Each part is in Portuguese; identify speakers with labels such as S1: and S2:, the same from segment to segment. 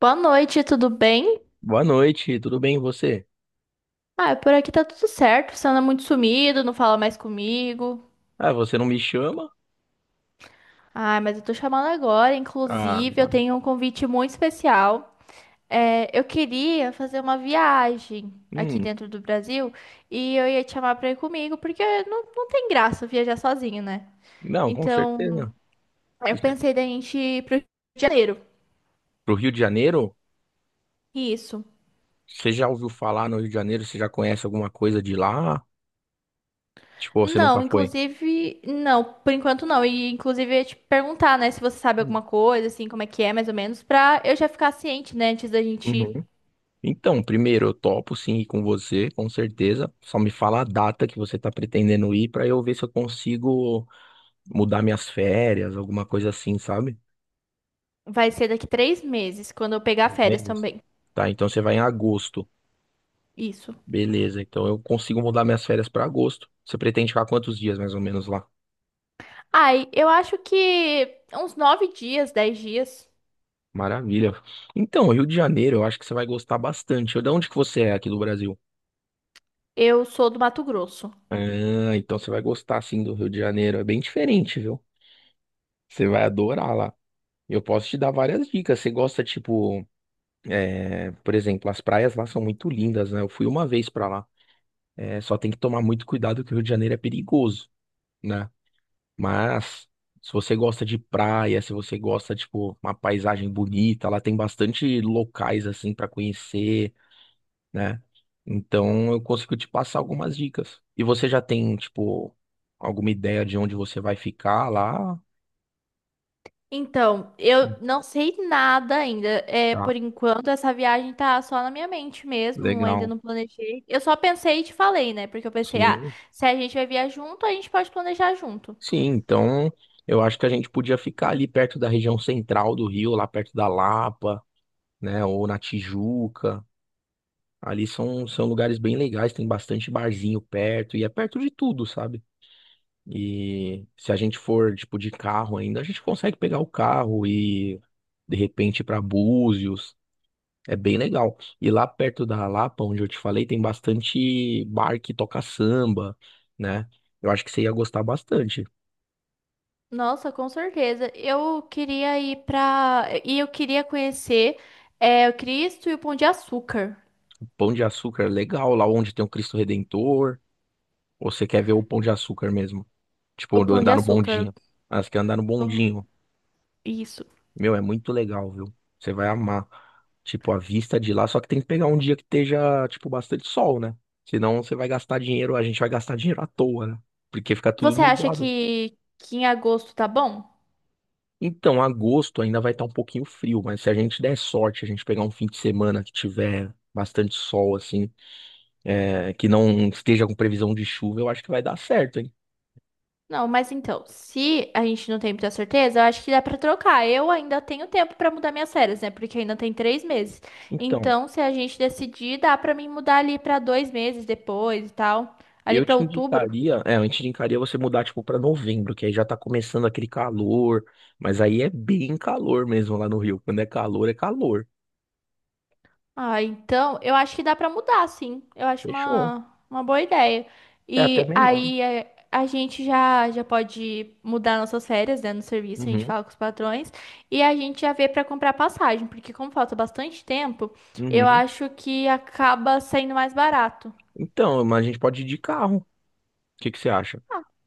S1: Boa noite, tudo bem?
S2: Boa noite, tudo bem e você?
S1: Ah, por aqui tá tudo certo. Você anda muito sumido, não fala mais comigo.
S2: Ah, você não me chama?
S1: Ah, mas eu tô chamando agora.
S2: Ah,
S1: Inclusive, eu tenho um convite muito especial. É, eu queria fazer uma viagem aqui
S2: hum,
S1: dentro do Brasil e eu ia te chamar pra ir comigo, porque não tem graça viajar sozinho, né?
S2: não, com
S1: Então,
S2: certeza.
S1: eu
S2: Isso é
S1: pensei da gente ir pro Rio de Janeiro.
S2: pro Rio de Janeiro?
S1: Isso.
S2: Você já ouviu falar no Rio de Janeiro? Você já conhece alguma coisa de lá? Tipo, você nunca
S1: Não,
S2: foi?
S1: inclusive, não, por enquanto não. E inclusive eu ia te perguntar, né, se você sabe
S2: Hum,
S1: alguma coisa, assim, como é que é, mais ou menos, pra eu já ficar ciente, né, antes da gente ir.
S2: uhum. Então, primeiro, eu topo sim ir com você, com certeza. Só me fala a data que você tá pretendendo ir pra eu ver se eu consigo mudar minhas férias, alguma coisa assim, sabe?
S1: Vai ser daqui 3 meses, quando eu pegar férias
S2: Meses.
S1: também.
S2: Tá, então você vai em agosto.
S1: Isso.
S2: Beleza, então eu consigo mudar minhas férias para agosto. Você pretende ficar quantos dias mais ou menos lá?
S1: Ai, eu acho que uns 9 dias, 10 dias,
S2: Maravilha. Então, Rio de Janeiro, eu acho que você vai gostar bastante. De onde que você é aqui do Brasil?
S1: eu sou do Mato Grosso.
S2: Ah, então você vai gostar sim do Rio de Janeiro. É bem diferente, viu? Você vai adorar lá. Eu posso te dar várias dicas. Você gosta, tipo, é, por exemplo, as praias lá são muito lindas, né? Eu fui uma vez para lá. É, só tem que tomar muito cuidado que o Rio de Janeiro é perigoso, né? Mas se você gosta de praia, se você gosta, tipo, uma paisagem bonita, lá tem bastante locais assim para conhecer, né? Então eu consigo te passar algumas dicas. E você já tem, tipo, alguma ideia de onde você vai ficar lá?
S1: Então, eu não sei nada ainda. É, por
S2: Tá,
S1: enquanto, essa viagem tá só na minha mente mesmo, ainda
S2: legal.
S1: não planejei. Eu só pensei e te falei, né? Porque eu pensei, ah,
S2: Sim.
S1: se a gente vai viajar junto, a gente pode planejar junto.
S2: Sim, então eu acho que a gente podia ficar ali perto da região central do Rio, lá perto da Lapa, né? Ou na Tijuca. Ali são lugares bem legais, tem bastante barzinho perto e é perto de tudo, sabe? E se a gente for, tipo, de carro ainda, a gente consegue pegar o carro e de repente ir pra Búzios. É bem legal. E lá perto da Lapa, onde eu te falei, tem bastante bar que toca samba, né? Eu acho que você ia gostar bastante.
S1: Nossa, com certeza. Eu queria ir pra. E eu queria conhecer o Cristo e o Pão de Açúcar.
S2: Pão de Açúcar é legal, lá onde tem o Cristo Redentor. Ou você quer ver o Pão de Açúcar mesmo?
S1: O
S2: Tipo, do
S1: Pão de
S2: andar no
S1: Açúcar.
S2: bondinho. Ah, você quer andar no
S1: o-
S2: bondinho.
S1: Isso.
S2: Meu, é muito legal, viu? Você vai amar. Tipo, a vista de lá, só que tem que pegar um dia que esteja, tipo, bastante sol, né? Senão você vai gastar dinheiro, a gente vai gastar dinheiro à toa, né? Porque fica tudo
S1: Você acha
S2: nublado.
S1: que em agosto tá bom?
S2: Então, agosto ainda vai estar um pouquinho frio, mas se a gente der sorte, a gente pegar um fim de semana que tiver bastante sol, assim, é, que não esteja com previsão de chuva, eu acho que vai dar certo, hein?
S1: Não, mas então, se a gente não tem muita certeza, eu acho que dá pra trocar. Eu ainda tenho tempo pra mudar minhas férias, né? Porque ainda tem 3 meses.
S2: Então,
S1: Então, se a gente decidir, dá pra mim mudar ali pra 2 meses depois e tal. Ali
S2: eu
S1: pra
S2: te
S1: outubro.
S2: indicaria, eu te indicaria você mudar, tipo, para novembro, que aí já tá começando aquele calor, mas aí é bem calor mesmo lá no Rio. Quando é calor, é calor.
S1: Ah, então, eu acho que dá pra mudar, sim. Eu acho
S2: Fechou.
S1: uma boa ideia.
S2: É até
S1: E
S2: melhor.
S1: aí a gente já pode mudar nossas férias, né, no serviço, a gente
S2: Uhum,
S1: fala com os patrões e a gente já vê pra comprar passagem, porque como falta bastante tempo, eu
S2: uhum.
S1: acho que acaba saindo mais barato.
S2: Então, mas a gente pode ir de carro. O que que você acha?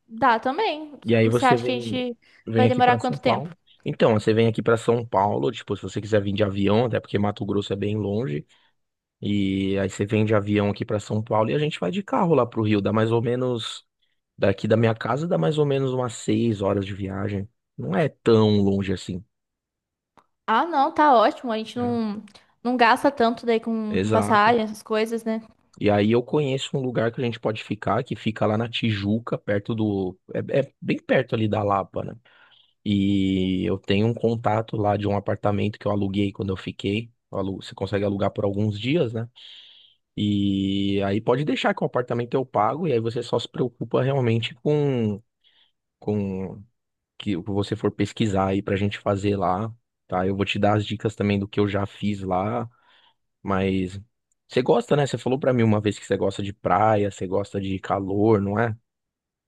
S1: Dá também.
S2: E aí
S1: Você
S2: você
S1: acha que a
S2: vem,
S1: gente
S2: vem
S1: vai
S2: aqui
S1: demorar
S2: para São
S1: quanto tempo?
S2: Paulo. Então, você vem aqui para São Paulo, tipo, se você quiser vir de avião, até porque Mato Grosso é bem longe, e aí você vem de avião aqui para São Paulo e a gente vai de carro lá pro Rio, dá mais ou menos. Daqui da minha casa dá mais ou menos umas 6 horas de viagem. Não é tão longe assim,
S1: Ah, não, tá ótimo. A gente
S2: né?
S1: não gasta tanto daí com
S2: Exato.
S1: passagem, essas coisas, né?
S2: E aí eu conheço um lugar que a gente pode ficar, que fica lá na Tijuca, perto do. É, é bem perto ali da Lapa, né? E eu tenho um contato lá de um apartamento que eu aluguei quando eu fiquei. Você consegue alugar por alguns dias, né? E aí pode deixar que o apartamento eu pago, e aí você só se preocupa realmente com. Com que você for pesquisar aí pra gente fazer lá, tá? Eu vou te dar as dicas também do que eu já fiz lá, mas você gosta, né? Você falou pra mim uma vez que você gosta de praia, você gosta de calor, não é?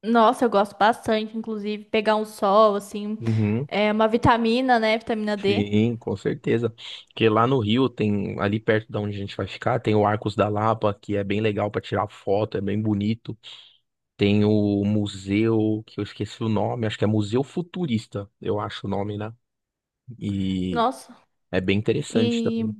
S1: Nossa, eu gosto bastante, inclusive, pegar um sol, assim,
S2: Uhum.
S1: uma vitamina, né? Vitamina D.
S2: Sim, com certeza. Porque lá no Rio tem, ali perto da onde a gente vai ficar, tem o Arcos da Lapa, que é bem legal pra tirar foto, é bem bonito. Tem o museu, que eu esqueci o nome, acho que é Museu Futurista, eu acho o nome, né? E
S1: Nossa,
S2: é bem interessante
S1: e
S2: também.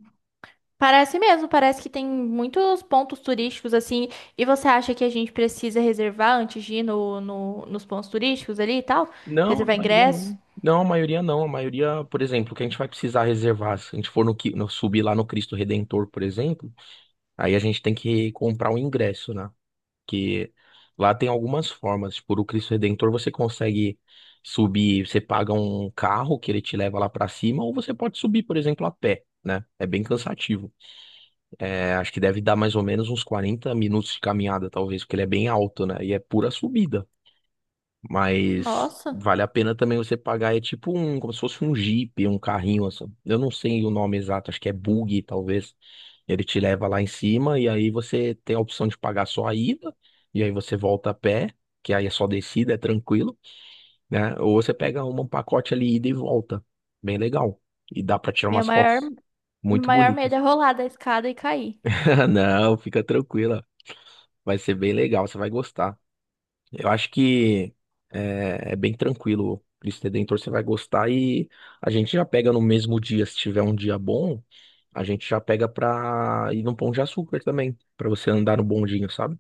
S1: parece mesmo, parece que tem muitos pontos turísticos, assim, e você acha que a gente precisa reservar antes de ir nos pontos turísticos ali e tal?
S2: Não, a
S1: Reservar
S2: maioria
S1: ingresso?
S2: não. Não, a maioria não. A maioria, por exemplo, que a gente vai precisar reservar, se a gente for no, subir lá no Cristo Redentor, por exemplo, aí a gente tem que comprar o ingresso, né? Que lá tem algumas formas. Tipo, o Cristo Redentor você consegue subir, você paga um carro que ele te leva lá pra cima, ou você pode subir, por exemplo, a pé, né? É bem cansativo. É, acho que deve dar mais ou menos uns 40 minutos de caminhada, talvez, porque ele é bem alto, né? E é pura subida. Mas
S1: Nossa,
S2: vale a pena também você pagar. É tipo um, como se fosse um Jeep, um carrinho assim. Eu não sei o nome exato, acho que é buggy, talvez. Ele te leva lá em cima e aí você tem a opção de pagar só a ida, e aí você volta a pé, que aí é só descida, é tranquilo, né? Ou você pega um pacote ali, ida e volta. Bem legal. E dá pra tirar
S1: minha
S2: umas
S1: maior,
S2: fotos
S1: meu
S2: muito
S1: maior medo é
S2: bonitas.
S1: rolar da escada e cair.
S2: Não, fica tranquila. Vai ser bem legal, você vai gostar. Eu acho que é bem tranquilo. Cristo Redentor você vai gostar e a gente já pega no mesmo dia, se tiver um dia bom, a gente já pega pra ir no Pão de Açúcar também, pra você andar no bondinho, sabe?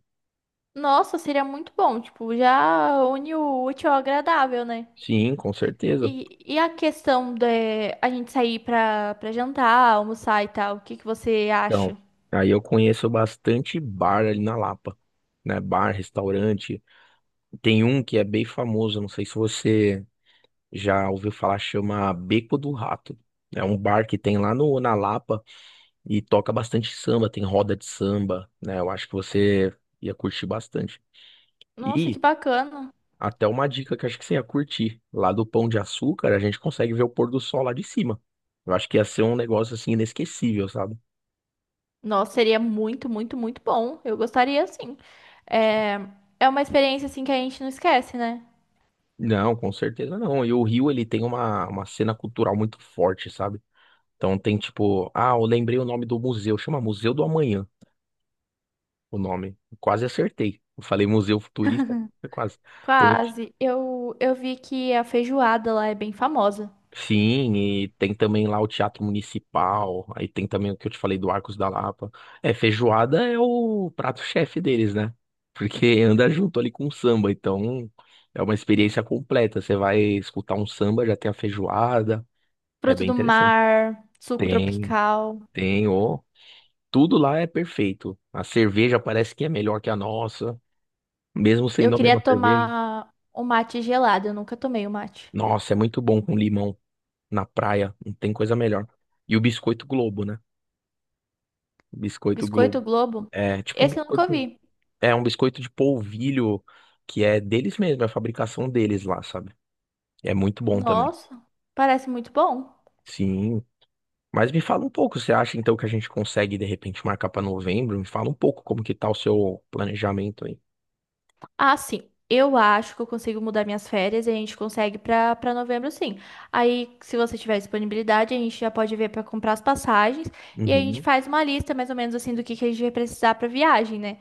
S1: Nossa, seria muito bom, tipo, já une o útil ao agradável, né?
S2: Sim, com certeza.
S1: E a questão da a gente sair pra jantar, almoçar e tal, o que que você
S2: Então,
S1: acha?
S2: aí eu conheço bastante bar ali na Lapa, né? Bar, restaurante. Tem um que é bem famoso, não sei se você já ouviu falar, chama Beco do Rato. É um bar que tem lá no, na Lapa. E toca bastante samba, tem roda de samba, né? Eu acho que você ia curtir bastante.
S1: Nossa, que
S2: E
S1: bacana.
S2: até uma dica que eu acho que você ia curtir. Lá do Pão de Açúcar, a gente consegue ver o pôr do sol lá de cima. Eu acho que ia ser um negócio assim inesquecível, sabe?
S1: Nossa, seria muito, muito, muito bom. Eu gostaria, sim. É, é uma experiência, assim, que a gente não esquece, né?
S2: Não, com certeza não. E o Rio, ele tem uma cena cultural muito forte, sabe? Então tem tipo, ah, eu lembrei o nome do museu, chama Museu do Amanhã, o nome. Quase acertei. Eu falei Museu Futurista, foi quase. Tem
S1: Quase. Eu vi que a feijoada lá é bem famosa.
S2: Sim, e tem também lá o Teatro Municipal, aí tem também o que eu te falei do Arcos da Lapa. É, feijoada é o prato-chefe deles, né? Porque anda junto ali com o samba, então é uma experiência completa. Você vai escutar um samba, já tem a feijoada, é
S1: Fruto
S2: bem
S1: do
S2: interessante.
S1: mar, suco
S2: Tem,
S1: tropical.
S2: ó, tudo lá é perfeito. A cerveja parece que é melhor que a nossa, mesmo
S1: Eu
S2: sendo a mesma
S1: queria
S2: cerveja.
S1: tomar um mate gelado. Eu nunca tomei o mate.
S2: Nossa, é muito bom com limão na praia, não tem coisa melhor. E o biscoito Globo, né? Biscoito Globo.
S1: Biscoito Globo?
S2: É tipo um
S1: Esse eu nunca
S2: biscoito.
S1: vi.
S2: É um biscoito de polvilho que é deles mesmo, é a fabricação deles lá, sabe? É muito bom também.
S1: Nossa, parece muito bom.
S2: Sim. Mas me fala um pouco, você acha então que a gente consegue de repente marcar pra novembro? Me fala um pouco como que tá o seu planejamento aí.
S1: Ah, sim. Eu acho que eu consigo mudar minhas férias e a gente consegue pra para novembro, sim. Aí, se você tiver disponibilidade, a gente já pode ver pra comprar as passagens e a gente
S2: Uhum,
S1: faz uma lista mais ou menos assim do que a gente vai precisar pra viagem, né?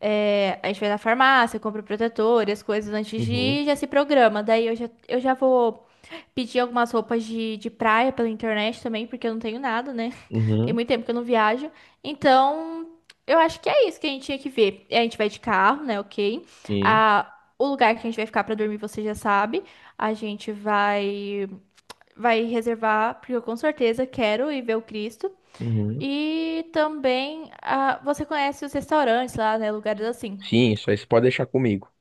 S1: É, a gente vai na farmácia, compra o protetor e as coisas antes de
S2: uhum,
S1: ir, já se programa. Daí eu já vou Pedi algumas roupas de praia pela internet também, porque eu não tenho nada, né? Tem
S2: uhum,
S1: muito tempo que eu não viajo. Então, eu acho que é isso que a gente tinha que ver. A gente vai de carro, né? Ok.
S2: sim,
S1: Ah, o lugar que a gente vai ficar pra dormir, você já sabe. A gente vai reservar, porque eu com certeza quero ir ver o Cristo.
S2: uhum.
S1: E também, ah, você conhece os restaurantes lá, né? Lugares assim.
S2: Sim, isso aí você pode deixar comigo.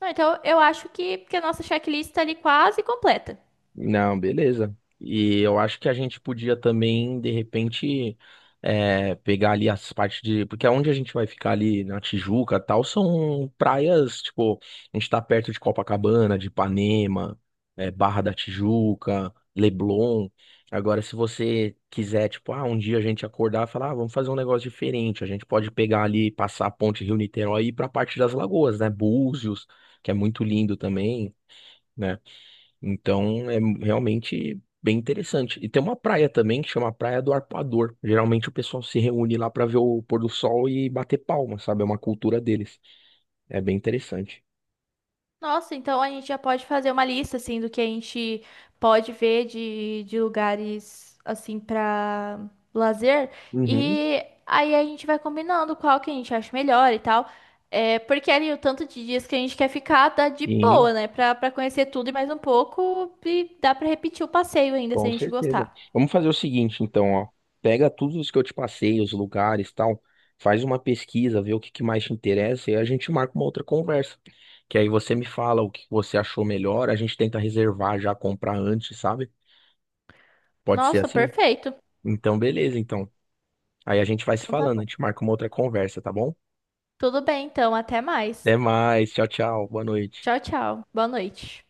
S1: Não, então, eu acho que a nossa checklist tá ali quase completa.
S2: Não, beleza. E eu acho que a gente podia também, de repente, é, pegar ali as partes de. Porque onde a gente vai ficar ali na Tijuca e tal, são praias, tipo, a gente tá perto de Copacabana, de Ipanema, é, Barra da Tijuca, Leblon. Agora, se você quiser, tipo, ah, um dia a gente acordar e falar, ah, vamos fazer um negócio diferente, a gente pode pegar ali, passar a ponte Rio-Niterói e ir pra parte das lagoas, né? Búzios, que é muito lindo também, né? Então é realmente bem interessante. E tem uma praia também que chama Praia do Arpoador. Geralmente o pessoal se reúne lá para ver o pôr do sol e bater palma, sabe? É uma cultura deles. É bem interessante.
S1: Nossa, então a gente já pode fazer uma lista assim do que a gente pode ver de lugares assim para lazer
S2: Uhum,
S1: e aí a gente vai combinando qual que a gente acha melhor e tal. É, porque ali o tanto de dias que a gente quer ficar dá de
S2: sim,
S1: boa, né? Pra conhecer tudo e mais um pouco e dá pra repetir o passeio ainda se
S2: com
S1: a gente
S2: certeza.
S1: gostar.
S2: Vamos fazer o seguinte, então, ó. Pega tudo isso que eu te passei, os lugares, tal. Faz uma pesquisa, vê o que que mais te interessa e a gente marca uma outra conversa. Que aí você me fala o que você achou melhor, a gente tenta reservar já, comprar antes, sabe? Pode ser
S1: Nossa,
S2: assim?
S1: perfeito.
S2: Então, beleza, então. Aí a gente vai se
S1: Então tá
S2: falando, a
S1: bom.
S2: gente marca uma outra conversa, tá bom?
S1: Tudo bem, então, até mais.
S2: Até mais, tchau, tchau, boa noite.
S1: Tchau, tchau. Boa noite.